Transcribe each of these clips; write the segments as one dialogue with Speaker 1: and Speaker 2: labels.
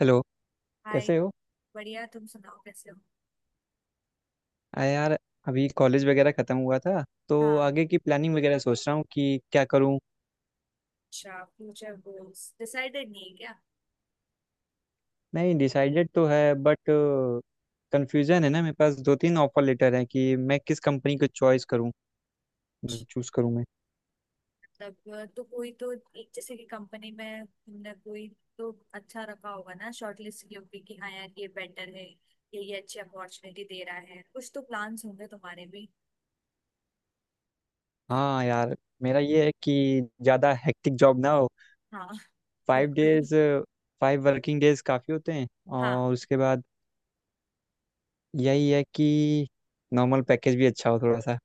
Speaker 1: Hello.
Speaker 2: Hi.
Speaker 1: कैसे हो?
Speaker 2: बढ़िया, तुम सुनाओ, कैसे हो?
Speaker 1: आ यार, अभी कॉलेज वगैरह ख़त्म हुआ था तो
Speaker 2: हाँ।
Speaker 1: आगे की प्लानिंग वगैरह सोच रहा हूँ कि क्या करूँ।
Speaker 2: अच्छा, फ्यूचर गोल्स डिसाइडेड नहीं है क्या?
Speaker 1: नहीं, डिसाइडेड तो है बट कंफ्यूजन है ना। मेरे पास दो तीन ऑफर लेटर हैं कि मैं किस कंपनी को चॉइस करूँ, मतलब चूज़ करूँ मैं।
Speaker 2: मतलब तो कोई तो एक, जैसे कि कंपनी में तुमने कोई तो अच्छा रखा होगा ना, शॉर्टलिस्ट की होगी कि हाँ यार, ये बेटर है, ये अच्छी अपॉर्चुनिटी दे रहा है, कुछ तो प्लान्स होंगे तुम्हारे भी।
Speaker 1: हाँ यार, मेरा ये है कि ज़्यादा हेक्टिक जॉब ना हो।
Speaker 2: हाँ
Speaker 1: फाइव
Speaker 2: बिल्कुल।
Speaker 1: डेज 5 वर्किंग डेज काफ़ी होते हैं।
Speaker 2: हाँ।
Speaker 1: और उसके बाद यही है कि नॉर्मल पैकेज भी अच्छा हो थोड़ा सा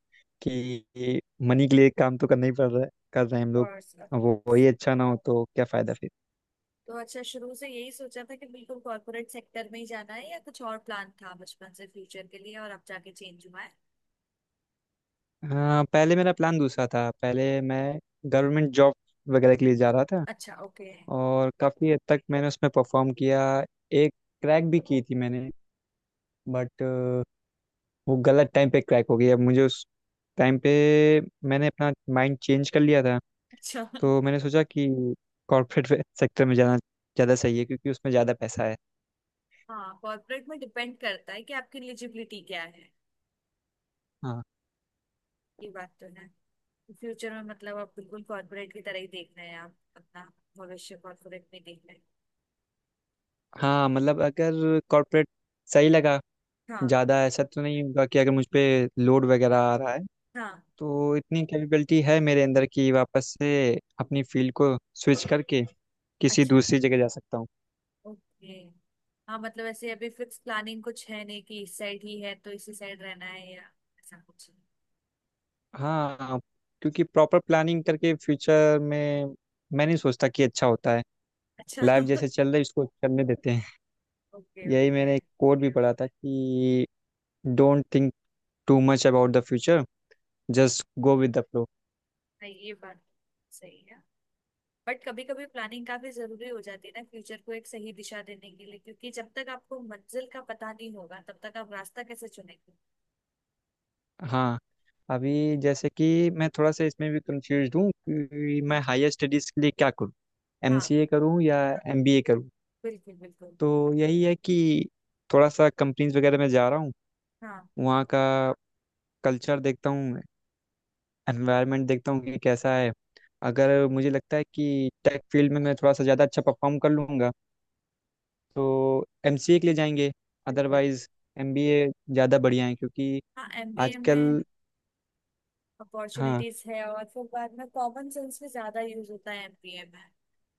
Speaker 1: कि मनी के लिए काम तो करना ही पड़ रहा है, कर रहे हैं हम लोग।
Speaker 2: कोर्स ऑफ
Speaker 1: अब वो
Speaker 2: कोर्स।
Speaker 1: वही अच्छा ना हो तो क्या फ़ायदा फिर।
Speaker 2: तो अच्छा, शुरू से यही सोचा था कि बिल्कुल कॉर्पोरेट सेक्टर में ही जाना है, या कुछ और प्लान था बचपन से फ्यूचर के लिए और अब जाके चेंज हुआ है?
Speaker 1: हाँ, पहले मेरा प्लान दूसरा था। पहले मैं गवर्नमेंट जॉब वगैरह के लिए जा रहा था
Speaker 2: अच्छा, ओके।
Speaker 1: और काफ़ी हद तक मैंने उसमें परफॉर्म किया। एक क्रैक भी की थी मैंने बट वो गलत टाइम पे क्रैक हो गई। अब मुझे उस टाइम पे मैंने अपना माइंड चेंज कर लिया था।
Speaker 2: अच्छा
Speaker 1: तो मैंने सोचा कि कॉर्पोरेट सेक्टर में जाना ज़्यादा सही है क्योंकि उसमें ज़्यादा पैसा है।
Speaker 2: हाँ, कॉर्पोरेट में डिपेंड करता है कि आपकी एलिजिबिलिटी क्या है।
Speaker 1: हाँ।
Speaker 2: ये बात तो है। फ्यूचर में मतलब आप बिल्कुल कॉर्पोरेट की तरह ही देखना है, आप अपना भविष्य कॉर्पोरेट में देखना है?
Speaker 1: हाँ, मतलब अगर कॉर्पोरेट सही लगा,
Speaker 2: हाँ।
Speaker 1: ज़्यादा ऐसा तो नहीं होगा कि अगर मुझ पे लोड वगैरह आ रहा है
Speaker 2: हाँ।
Speaker 1: तो इतनी कैपेबिलिटी है मेरे अंदर कि वापस से अपनी फील्ड को स्विच करके किसी
Speaker 2: अच्छा,
Speaker 1: दूसरी जगह जा सकता हूँ।
Speaker 2: ओके। हाँ मतलब ऐसे अभी फिक्स प्लानिंग कुछ है नहीं कि इस साइड ही है तो इसी साइड रहना है, या ऐसा कुछ।
Speaker 1: हाँ, क्योंकि प्रॉपर प्लानिंग करके फ्यूचर में मैं नहीं सोचता कि अच्छा होता है।
Speaker 2: अच्छा
Speaker 1: लाइफ जैसे चल रही है इसको चलने देते हैं।
Speaker 2: ओके,
Speaker 1: यही,
Speaker 2: ओके।
Speaker 1: मैंने एक कोट भी पढ़ा था कि don't think too much about the future, just go with the flow.
Speaker 2: हाँ, ये बात सही है। बट कभी कभी प्लानिंग काफी जरूरी हो जाती है ना, फ्यूचर को एक सही दिशा देने के लिए, क्योंकि जब तक आपको मंजिल का पता नहीं होगा, तब तक आप रास्ता कैसे चुनेंगे?
Speaker 1: हाँ। अभी जैसे कि मैं थोड़ा सा इसमें भी कंफ्यूज हूँ कि मैं हायर स्टडीज़ के लिए क्या करूँ,
Speaker 2: हाँ।
Speaker 1: एमसीए करूँ या एमबीए करूँ।
Speaker 2: बिल्कुल बिल्कुल।
Speaker 1: तो यही है कि थोड़ा सा कंपनीज वगैरह में जा रहा हूँ,
Speaker 2: हाँ,
Speaker 1: वहाँ का कल्चर देखता हूँ, एनवायरनमेंट देखता हूँ कि कैसा है। अगर मुझे लगता है कि टेक फील्ड में मैं थोड़ा सा ज़्यादा अच्छा परफॉर्म कर लूँगा तो एमसीए के लिए जाएंगे,
Speaker 2: बिल्कुल।
Speaker 1: अदरवाइज एमबीए ज़्यादा बढ़िया है, क्योंकि
Speaker 2: हाँ, एमबीए
Speaker 1: आजकल।
Speaker 2: में
Speaker 1: हाँ।
Speaker 2: अपॉर्चुनिटीज है, और फिर बाद में कॉमन सेंस भी ज्यादा यूज होता है एमबीए में,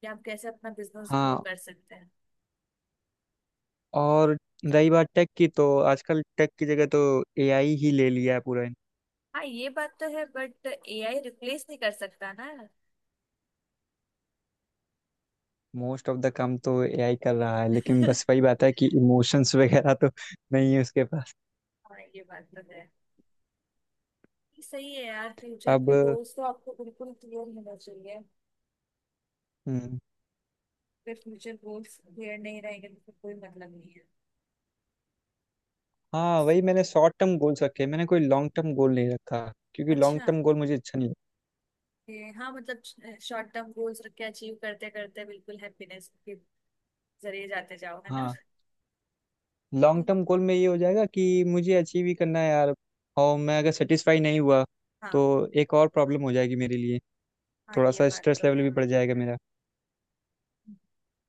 Speaker 2: कि आप कैसे अपना बिजनेस ग्रो
Speaker 1: हाँ।
Speaker 2: कर सकते हैं।
Speaker 1: और रही बात टेक की तो आजकल टेक की जगह तो एआई ही ले लिया है पूरा।
Speaker 2: हाँ, ये बात तो है, बट एआई रिप्लेस नहीं कर सकता ना।
Speaker 1: मोस्ट ऑफ द काम तो एआई कर रहा है लेकिन बस वही बात है कि इमोशंस वगैरह तो नहीं है उसके पास।
Speaker 2: हाँ, ये बात तो है। सही है यार, फ्यूचर
Speaker 1: अब।
Speaker 2: के गोल्स तो आपको बिल्कुल क्लियर होना चाहिए।
Speaker 1: हम्म,
Speaker 2: फिर फ्यूचर गोल्स क्लियर नहीं रहेगा, तो फिर कोई मतलब नहीं है।
Speaker 1: हाँ, वही मैंने शॉर्ट टर्म गोल्स रखे हैं। मैंने कोई लॉन्ग टर्म गोल नहीं रखा क्योंकि लॉन्ग
Speaker 2: अच्छा।
Speaker 1: टर्म गोल मुझे अच्छा नहीं
Speaker 2: ये हाँ मतलब, शॉर्ट टर्म गोल्स रख के अचीव करते करते बिल्कुल हैप्पीनेस के जरिए जाते जाओ, है
Speaker 1: लगता।
Speaker 2: ना?
Speaker 1: हाँ, लॉन्ग टर्म गोल में ये हो जाएगा कि मुझे अचीव ही करना है यार। और मैं अगर सेटिस्फाई नहीं हुआ
Speaker 2: हाँ।
Speaker 1: तो एक और प्रॉब्लम हो जाएगी मेरे लिए,
Speaker 2: हाँ,
Speaker 1: थोड़ा
Speaker 2: ये
Speaker 1: सा
Speaker 2: बात
Speaker 1: स्ट्रेस
Speaker 2: तो
Speaker 1: लेवल
Speaker 2: है।
Speaker 1: भी बढ़ जाएगा मेरा।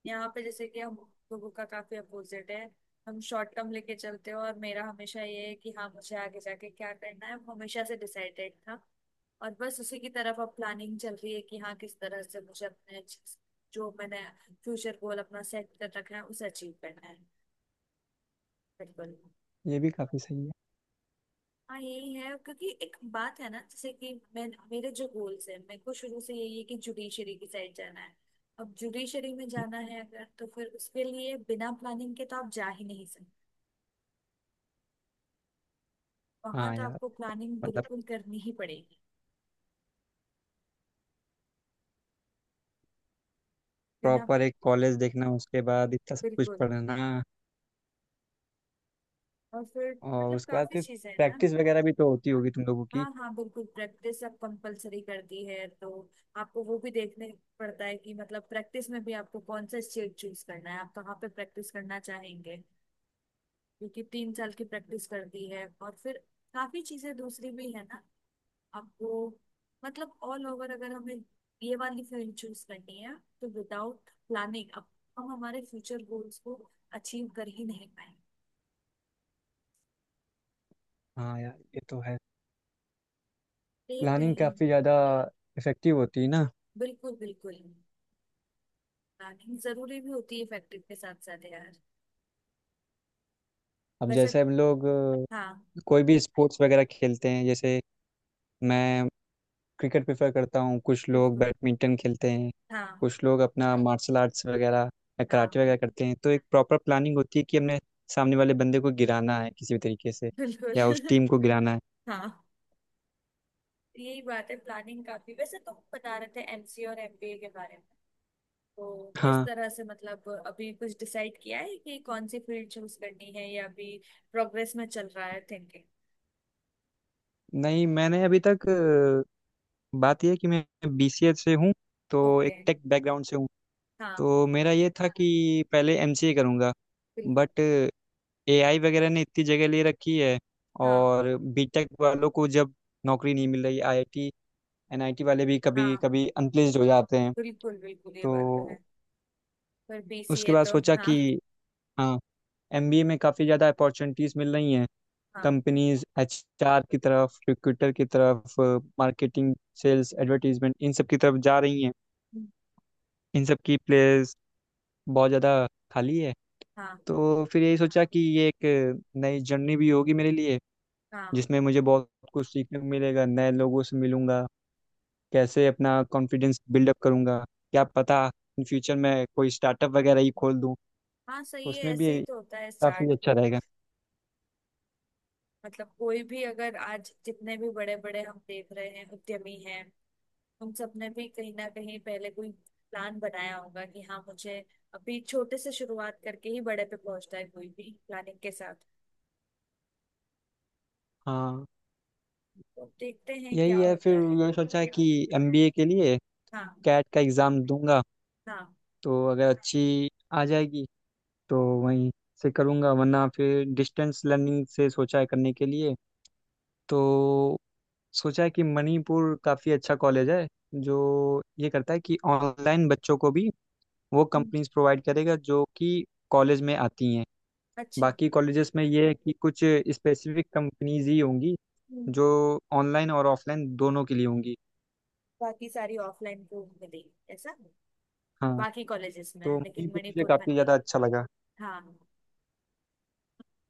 Speaker 2: यहाँ पे जैसे कि हम लोगों का काफी अपोजिट है। हम शॉर्ट टर्म लेके चलते हो, और मेरा हमेशा ये है कि हाँ, मुझे आगे जाके क्या करना है, वो हमेशा से डिसाइडेड था। और बस उसी की तरफ अब प्लानिंग चल रही है कि हाँ, किस तरह से मुझे अपने जो मैंने फ्यूचर गोल अपना सेट कर रखा है, उसे अचीव करना है। बिल्कुल।
Speaker 1: ये भी काफ़ी सही है।
Speaker 2: हाँ यही है, क्योंकि एक बात है ना, जैसे कि मैं, मेरे जो गोल्स है, मेरे को शुरू से यही है कि जुडिशरी की साइड जाना है। अब जुडिशरी में जाना है अगर, तो फिर उसके लिए बिना प्लानिंग के तो आप जा ही नहीं सकते। वहां
Speaker 1: हाँ
Speaker 2: तो
Speaker 1: यार,
Speaker 2: आपको प्लानिंग
Speaker 1: मतलब
Speaker 2: बिल्कुल करनी ही पड़ेगी। बिना।
Speaker 1: प्रॉपर एक कॉलेज देखना, उसके बाद इतना सब कुछ
Speaker 2: बिल्कुल।
Speaker 1: पढ़ना
Speaker 2: और फिर,
Speaker 1: और
Speaker 2: मतलब
Speaker 1: उसके बाद
Speaker 2: काफी
Speaker 1: फिर
Speaker 2: चीजें हैं ना।
Speaker 1: प्रैक्टिस वगैरह भी तो होती होगी तुम लोगों की।
Speaker 2: हाँ हाँ बिल्कुल, प्रैक्टिस अब कंपलसरी कर दी है, तो आपको वो भी देखने पड़ता है कि मतलब प्रैक्टिस में भी आपको कौन सा स्टेट चूज करना है, आप कहाँ पे प्रैक्टिस करना चाहेंगे, क्योंकि तीन साल की प्रैक्टिस कर दी है। और फिर काफी चीजें दूसरी भी है ना आपको। मतलब ऑल ओवर अगर हमें ये वाली फील्ड चूज करनी है, तो विदाउट प्लानिंग अब हम हमारे फ्यूचर गोल्स को अचीव कर ही नहीं पाएंगे।
Speaker 1: हाँ यार ये तो है,
Speaker 2: देख रहे
Speaker 1: प्लानिंग
Speaker 2: हैं।
Speaker 1: काफ़ी ज़्यादा इफेक्टिव होती है ना।
Speaker 2: बिल्कुल बिल्कुल। प्लानिंग जरूरी भी होती है फैक्ट्री के साथ साथ यार।
Speaker 1: अब
Speaker 2: वैसे
Speaker 1: जैसे हम लोग
Speaker 2: हाँ।
Speaker 1: कोई भी स्पोर्ट्स वगैरह खेलते हैं। जैसे मैं क्रिकेट प्रेफर करता हूँ, कुछ लोग
Speaker 2: बिल्कुल।
Speaker 1: बैडमिंटन खेलते हैं,
Speaker 2: हाँ।
Speaker 1: कुछ लोग अपना मार्शल आर्ट्स वगैरह या
Speaker 2: हाँ।
Speaker 1: कराटे वगैरह करते हैं, तो एक प्रॉपर प्लानिंग होती है कि हमने सामने वाले बंदे को गिराना है किसी भी तरीके से या उस
Speaker 2: बिल्कुल
Speaker 1: टीम को गिराना है।
Speaker 2: हाँ, यही बात है। प्लानिंग काफी। वैसे तुम बता रहे थे एमसीए और एमबीए के बारे में, तो किस
Speaker 1: हाँ।
Speaker 2: तरह से, मतलब अभी कुछ डिसाइड किया है कि कौन सी फील्ड चूज करनी है, या अभी प्रोग्रेस में चल रहा है थिंकिंग?
Speaker 1: नहीं, मैंने अभी तक बात यह है कि मैं बीसीए से हूँ, तो
Speaker 2: ओके।
Speaker 1: एक टेक बैकग्राउंड से हूँ।
Speaker 2: हाँ।
Speaker 1: तो मेरा ये था कि पहले एमसीए करूँगा
Speaker 2: बिल्कुल।
Speaker 1: बट एआई वगैरह ने इतनी जगह ले रखी है।
Speaker 2: हाँ।
Speaker 1: और बीटेक वालों को जब नौकरी नहीं मिल रही, आईआईटी एनआईटी वाले भी कभी
Speaker 2: हाँ।
Speaker 1: कभी अनप्लेस्ड हो जाते हैं।
Speaker 2: बिल्कुल बिल्कुल, ये बात तो
Speaker 1: तो
Speaker 2: है। पर
Speaker 1: उसके
Speaker 2: बीसीए
Speaker 1: बाद
Speaker 2: तो
Speaker 1: सोचा
Speaker 2: हाँ।
Speaker 1: कि हाँ, एमबीए में काफ़ी ज़्यादा अपॉर्चुनिटीज़ मिल रही हैं,
Speaker 2: हाँ।
Speaker 1: कंपनीज एचआर की तरफ, रिक्रूटर की तरफ, मार्केटिंग, सेल्स, एडवर्टीजमेंट, इन सब की तरफ जा रही हैं। इन सब की प्लेस बहुत ज़्यादा खाली है।
Speaker 2: हाँ।
Speaker 1: तो फिर यही सोचा कि ये एक नई जर्नी भी होगी मेरे लिए,
Speaker 2: हाँ।
Speaker 1: जिसमें मुझे बहुत कुछ सीखने को मिलेगा, नए लोगों से मिलूंगा, कैसे अपना कॉन्फिडेंस बिल्डअप करूंगा। क्या पता इन फ्यूचर में कोई स्टार्टअप वगैरह ही खोल दूं,
Speaker 2: हाँ, सही है,
Speaker 1: उसमें
Speaker 2: ऐसे ही
Speaker 1: भी
Speaker 2: तो होता है
Speaker 1: काफ़ी
Speaker 2: स्टार्ट।
Speaker 1: अच्छा रहेगा।
Speaker 2: मतलब कोई भी, अगर आज जितने भी बड़े बड़े हम देख रहे हैं उद्यमी हैं, उन सब ने भी कहीं ना कहीं पहले कोई प्लान बनाया होगा कि हाँ, मुझे अभी छोटे से शुरुआत करके ही बड़े पे पहुंचता है कोई भी, प्लानिंग के साथ।
Speaker 1: हाँ,
Speaker 2: तो देखते हैं
Speaker 1: यही
Speaker 2: क्या
Speaker 1: है
Speaker 2: होता
Speaker 1: फिर
Speaker 2: है।
Speaker 1: ये सोचा कि एमबीए के लिए
Speaker 2: हाँ।
Speaker 1: कैट का एग्ज़ाम दूंगा,
Speaker 2: हाँ।
Speaker 1: तो अगर अच्छी आ जाएगी तो वहीं से करूंगा, वरना फिर डिस्टेंस लर्निंग से सोचा है करने के लिए। तो सोचा कि मणिपुर काफ़ी अच्छा कॉलेज है, जो ये करता है कि ऑनलाइन बच्चों को भी वो
Speaker 2: हम्म,
Speaker 1: कंपनीज प्रोवाइड करेगा जो कि कॉलेज में आती हैं।
Speaker 2: अच्छा।
Speaker 1: बाकी कॉलेजेस में ये है कि कुछ स्पेसिफिक कंपनीज ही होंगी
Speaker 2: हम्म,
Speaker 1: जो ऑनलाइन और ऑफलाइन दोनों के लिए होंगी।
Speaker 2: बाकी सारी ऑफलाइन कोर्स मिली, ऐसा?
Speaker 1: हाँ,
Speaker 2: बाकी कॉलेजेस में है,
Speaker 1: तो
Speaker 2: लेकिन
Speaker 1: मणिपुर मुझे
Speaker 2: मणिपुर में
Speaker 1: काफ़ी
Speaker 2: नहीं।
Speaker 1: ज़्यादा अच्छा लगा।
Speaker 2: हाँ।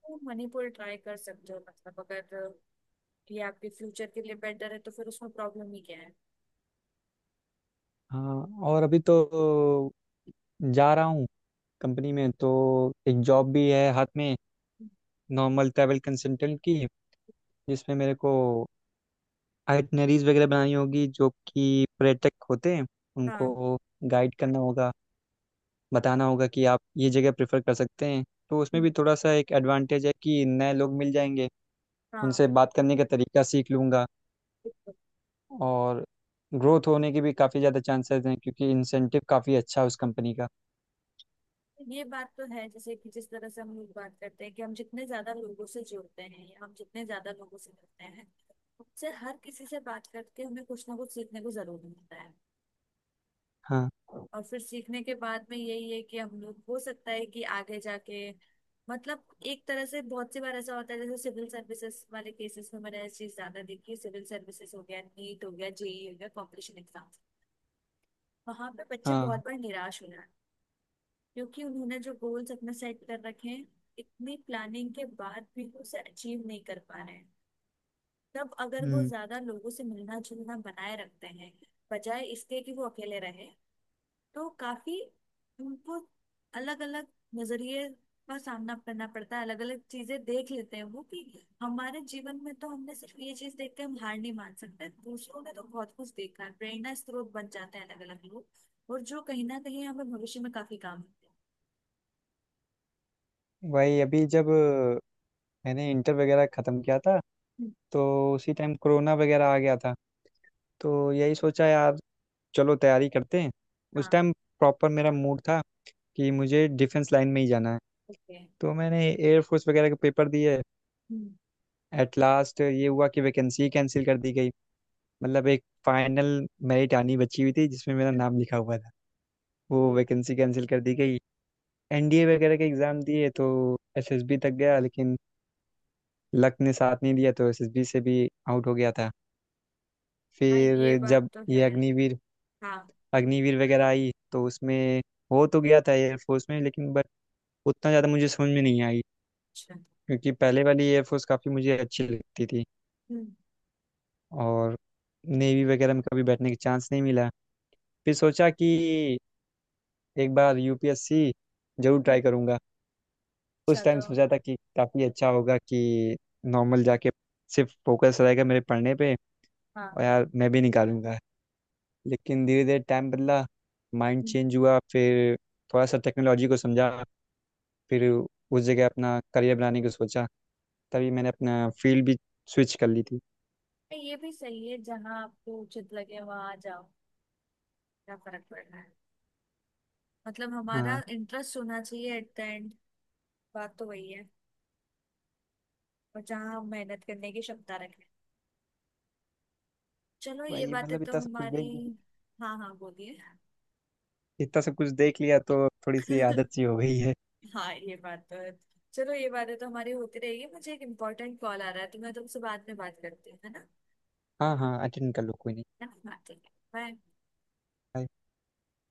Speaker 2: तो मणिपुर ट्राई कर सकते हो, मतलब अगर ये आपके फ्यूचर के लिए बेटर है, तो फिर उसमें प्रॉब्लम ही क्या है?
Speaker 1: हाँ, और अभी तो जा रहा हूँ कंपनी में, तो एक जॉब भी है हाथ में, नॉर्मल ट्रैवल कंसल्टेंट की, जिसमें मेरे को आइटनरीज वगैरह बनानी होगी, जो कि पर्यटक होते हैं
Speaker 2: हाँ।
Speaker 1: उनको गाइड करना होगा, बताना होगा कि आप ये जगह प्रेफर कर सकते हैं। तो उसमें भी थोड़ा सा एक एडवांटेज है कि नए लोग मिल जाएंगे,
Speaker 2: हाँ।
Speaker 1: उनसे बात करने का तरीका सीख लूँगा।
Speaker 2: बिल्कुल।
Speaker 1: और ग्रोथ होने के भी काफ़ी ज़्यादा चांसेस हैं क्योंकि इंसेंटिव काफ़ी अच्छा है उस कंपनी का।
Speaker 2: ये बात तो है, जैसे कि जिस तरह से हम लोग बात करते हैं कि हम जितने ज्यादा लोगों से जुड़ते हैं या हम जितने ज्यादा लोगों से मिलते हैं, उससे हर किसी से बात करके हमें कुछ ना कुछ सीखने को जरूर मिलता है।
Speaker 1: हाँ।
Speaker 2: और फिर सीखने के बाद में यही है कि हम लोग, हो सकता है कि आगे जाके, मतलब एक तरह से बहुत सी बार ऐसा होता है, जैसे सिविल सर्विसेज वाले केसेस में मैंने ये चीज ज्यादा देखी है। सिविल सर्विसेज हो गया, नीट हो गया, जेई हो गया, कॉम्पिटिशन एग्जाम, वहां पे बच्चे
Speaker 1: हाँ।
Speaker 2: बहुत बार निराश हो जाते हैं, क्योंकि उन्होंने जो गोल्स अपने सेट कर रखे हैं, इतनी प्लानिंग के बाद भी वो उसे अचीव नहीं कर पा रहे हैं। तब अगर वो
Speaker 1: हम्म।
Speaker 2: ज्यादा लोगों से मिलना जुलना बनाए रखते हैं, बजाय इसके कि वो अकेले रहे, तो काफी उनको अलग अलग नजरिए का सामना करना पड़ता है, अलग अलग चीजें देख लेते हैं वो, कि हमारे जीवन में तो हमने सिर्फ ये चीज देख के हम हार नहीं मान सकते, दूसरों ने तो बहुत कुछ देखा है। प्रेरणा स्रोत बन जाते हैं अलग अलग लोग, और जो कहीं ना कहीं हमें भविष्य में काफी काम आते हैं।
Speaker 1: वही, अभी जब मैंने इंटर वगैरह ख़त्म किया था
Speaker 2: हम्म।
Speaker 1: तो उसी टाइम कोरोना वगैरह आ गया था, तो यही सोचा यार, चलो तैयारी करते हैं। उस
Speaker 2: हाँ।
Speaker 1: टाइम प्रॉपर मेरा मूड था कि मुझे डिफेंस लाइन में ही जाना है।
Speaker 2: ओके।
Speaker 1: तो मैंने एयरफोर्स वगैरह के पेपर दिए।
Speaker 2: हम्म।
Speaker 1: एट लास्ट ये हुआ कि वैकेंसी कैंसिल कर दी गई। मतलब एक फाइनल मेरिट आनी बची हुई थी जिसमें मेरा नाम लिखा हुआ था, वो
Speaker 2: तो,
Speaker 1: वैकेंसी कैंसिल कर दी गई। एनडीए वगैरह के एग्ज़ाम दिए तो एसएसबी तक गया, लेकिन लक ने साथ नहीं दिया तो एसएसबी से भी आउट हो गया था।
Speaker 2: हाँ, ये
Speaker 1: फिर
Speaker 2: बात
Speaker 1: जब
Speaker 2: तो
Speaker 1: ये
Speaker 2: है।
Speaker 1: अग्निवीर
Speaker 2: हाँ।
Speaker 1: अग्निवीर वगैरह आई तो उसमें हो तो गया था एयरफोर्स में, लेकिन उतना ज़्यादा मुझे समझ में नहीं आई,
Speaker 2: अच्छा।
Speaker 1: क्योंकि पहले वाली एयरफोर्स काफ़ी मुझे अच्छी लगती थी।
Speaker 2: हम्म,
Speaker 1: और नेवी वगैरह में कभी बैठने का चांस नहीं मिला। फिर सोचा कि एक बार यूपीएससी जरूर ट्राई करूँगा। उस
Speaker 2: अच्छा।
Speaker 1: टाइम
Speaker 2: तो
Speaker 1: सोचा था कि काफ़ी अच्छा होगा कि नॉर्मल जाके सिर्फ फोकस रहेगा मेरे पढ़ने पे
Speaker 2: हाँ।
Speaker 1: और यार मैं भी निकालूंगा। लेकिन धीरे धीरे टाइम बदला, माइंड
Speaker 2: हम्म।
Speaker 1: चेंज हुआ। फिर थोड़ा सा टेक्नोलॉजी को समझा, फिर उस जगह अपना करियर बनाने को सोचा, तभी मैंने अपना फील्ड भी स्विच कर ली थी।
Speaker 2: ये भी सही है, जहाँ आपको उचित लगे वहां जाओ, क्या फर्क पड़ रहा है। मतलब हमारा
Speaker 1: हाँ
Speaker 2: इंटरेस्ट होना चाहिए, एट द एंड बात तो वही है। और जहाँ हम मेहनत करने की क्षमता रखें। चलो, ये
Speaker 1: भाई,
Speaker 2: बातें
Speaker 1: मतलब
Speaker 2: तो हमारी। हाँ, हाँ, बोलिए।
Speaker 1: इतना सब कुछ देख लिया तो थोड़ी सी आदत सी हो गई है।
Speaker 2: हाँ, ये बात तो है। चलो, ये बातें तो हमारी होती रहेगी, मुझे एक इम्पोर्टेंट कॉल आ रहा है, तो मैं तुमसे बाद में बात करती हूँ, है ना?
Speaker 1: हाँ हाँ, अटेंड कर लो, कोई
Speaker 2: है ना? हाँ, ठीक है, बाय।
Speaker 1: नहीं।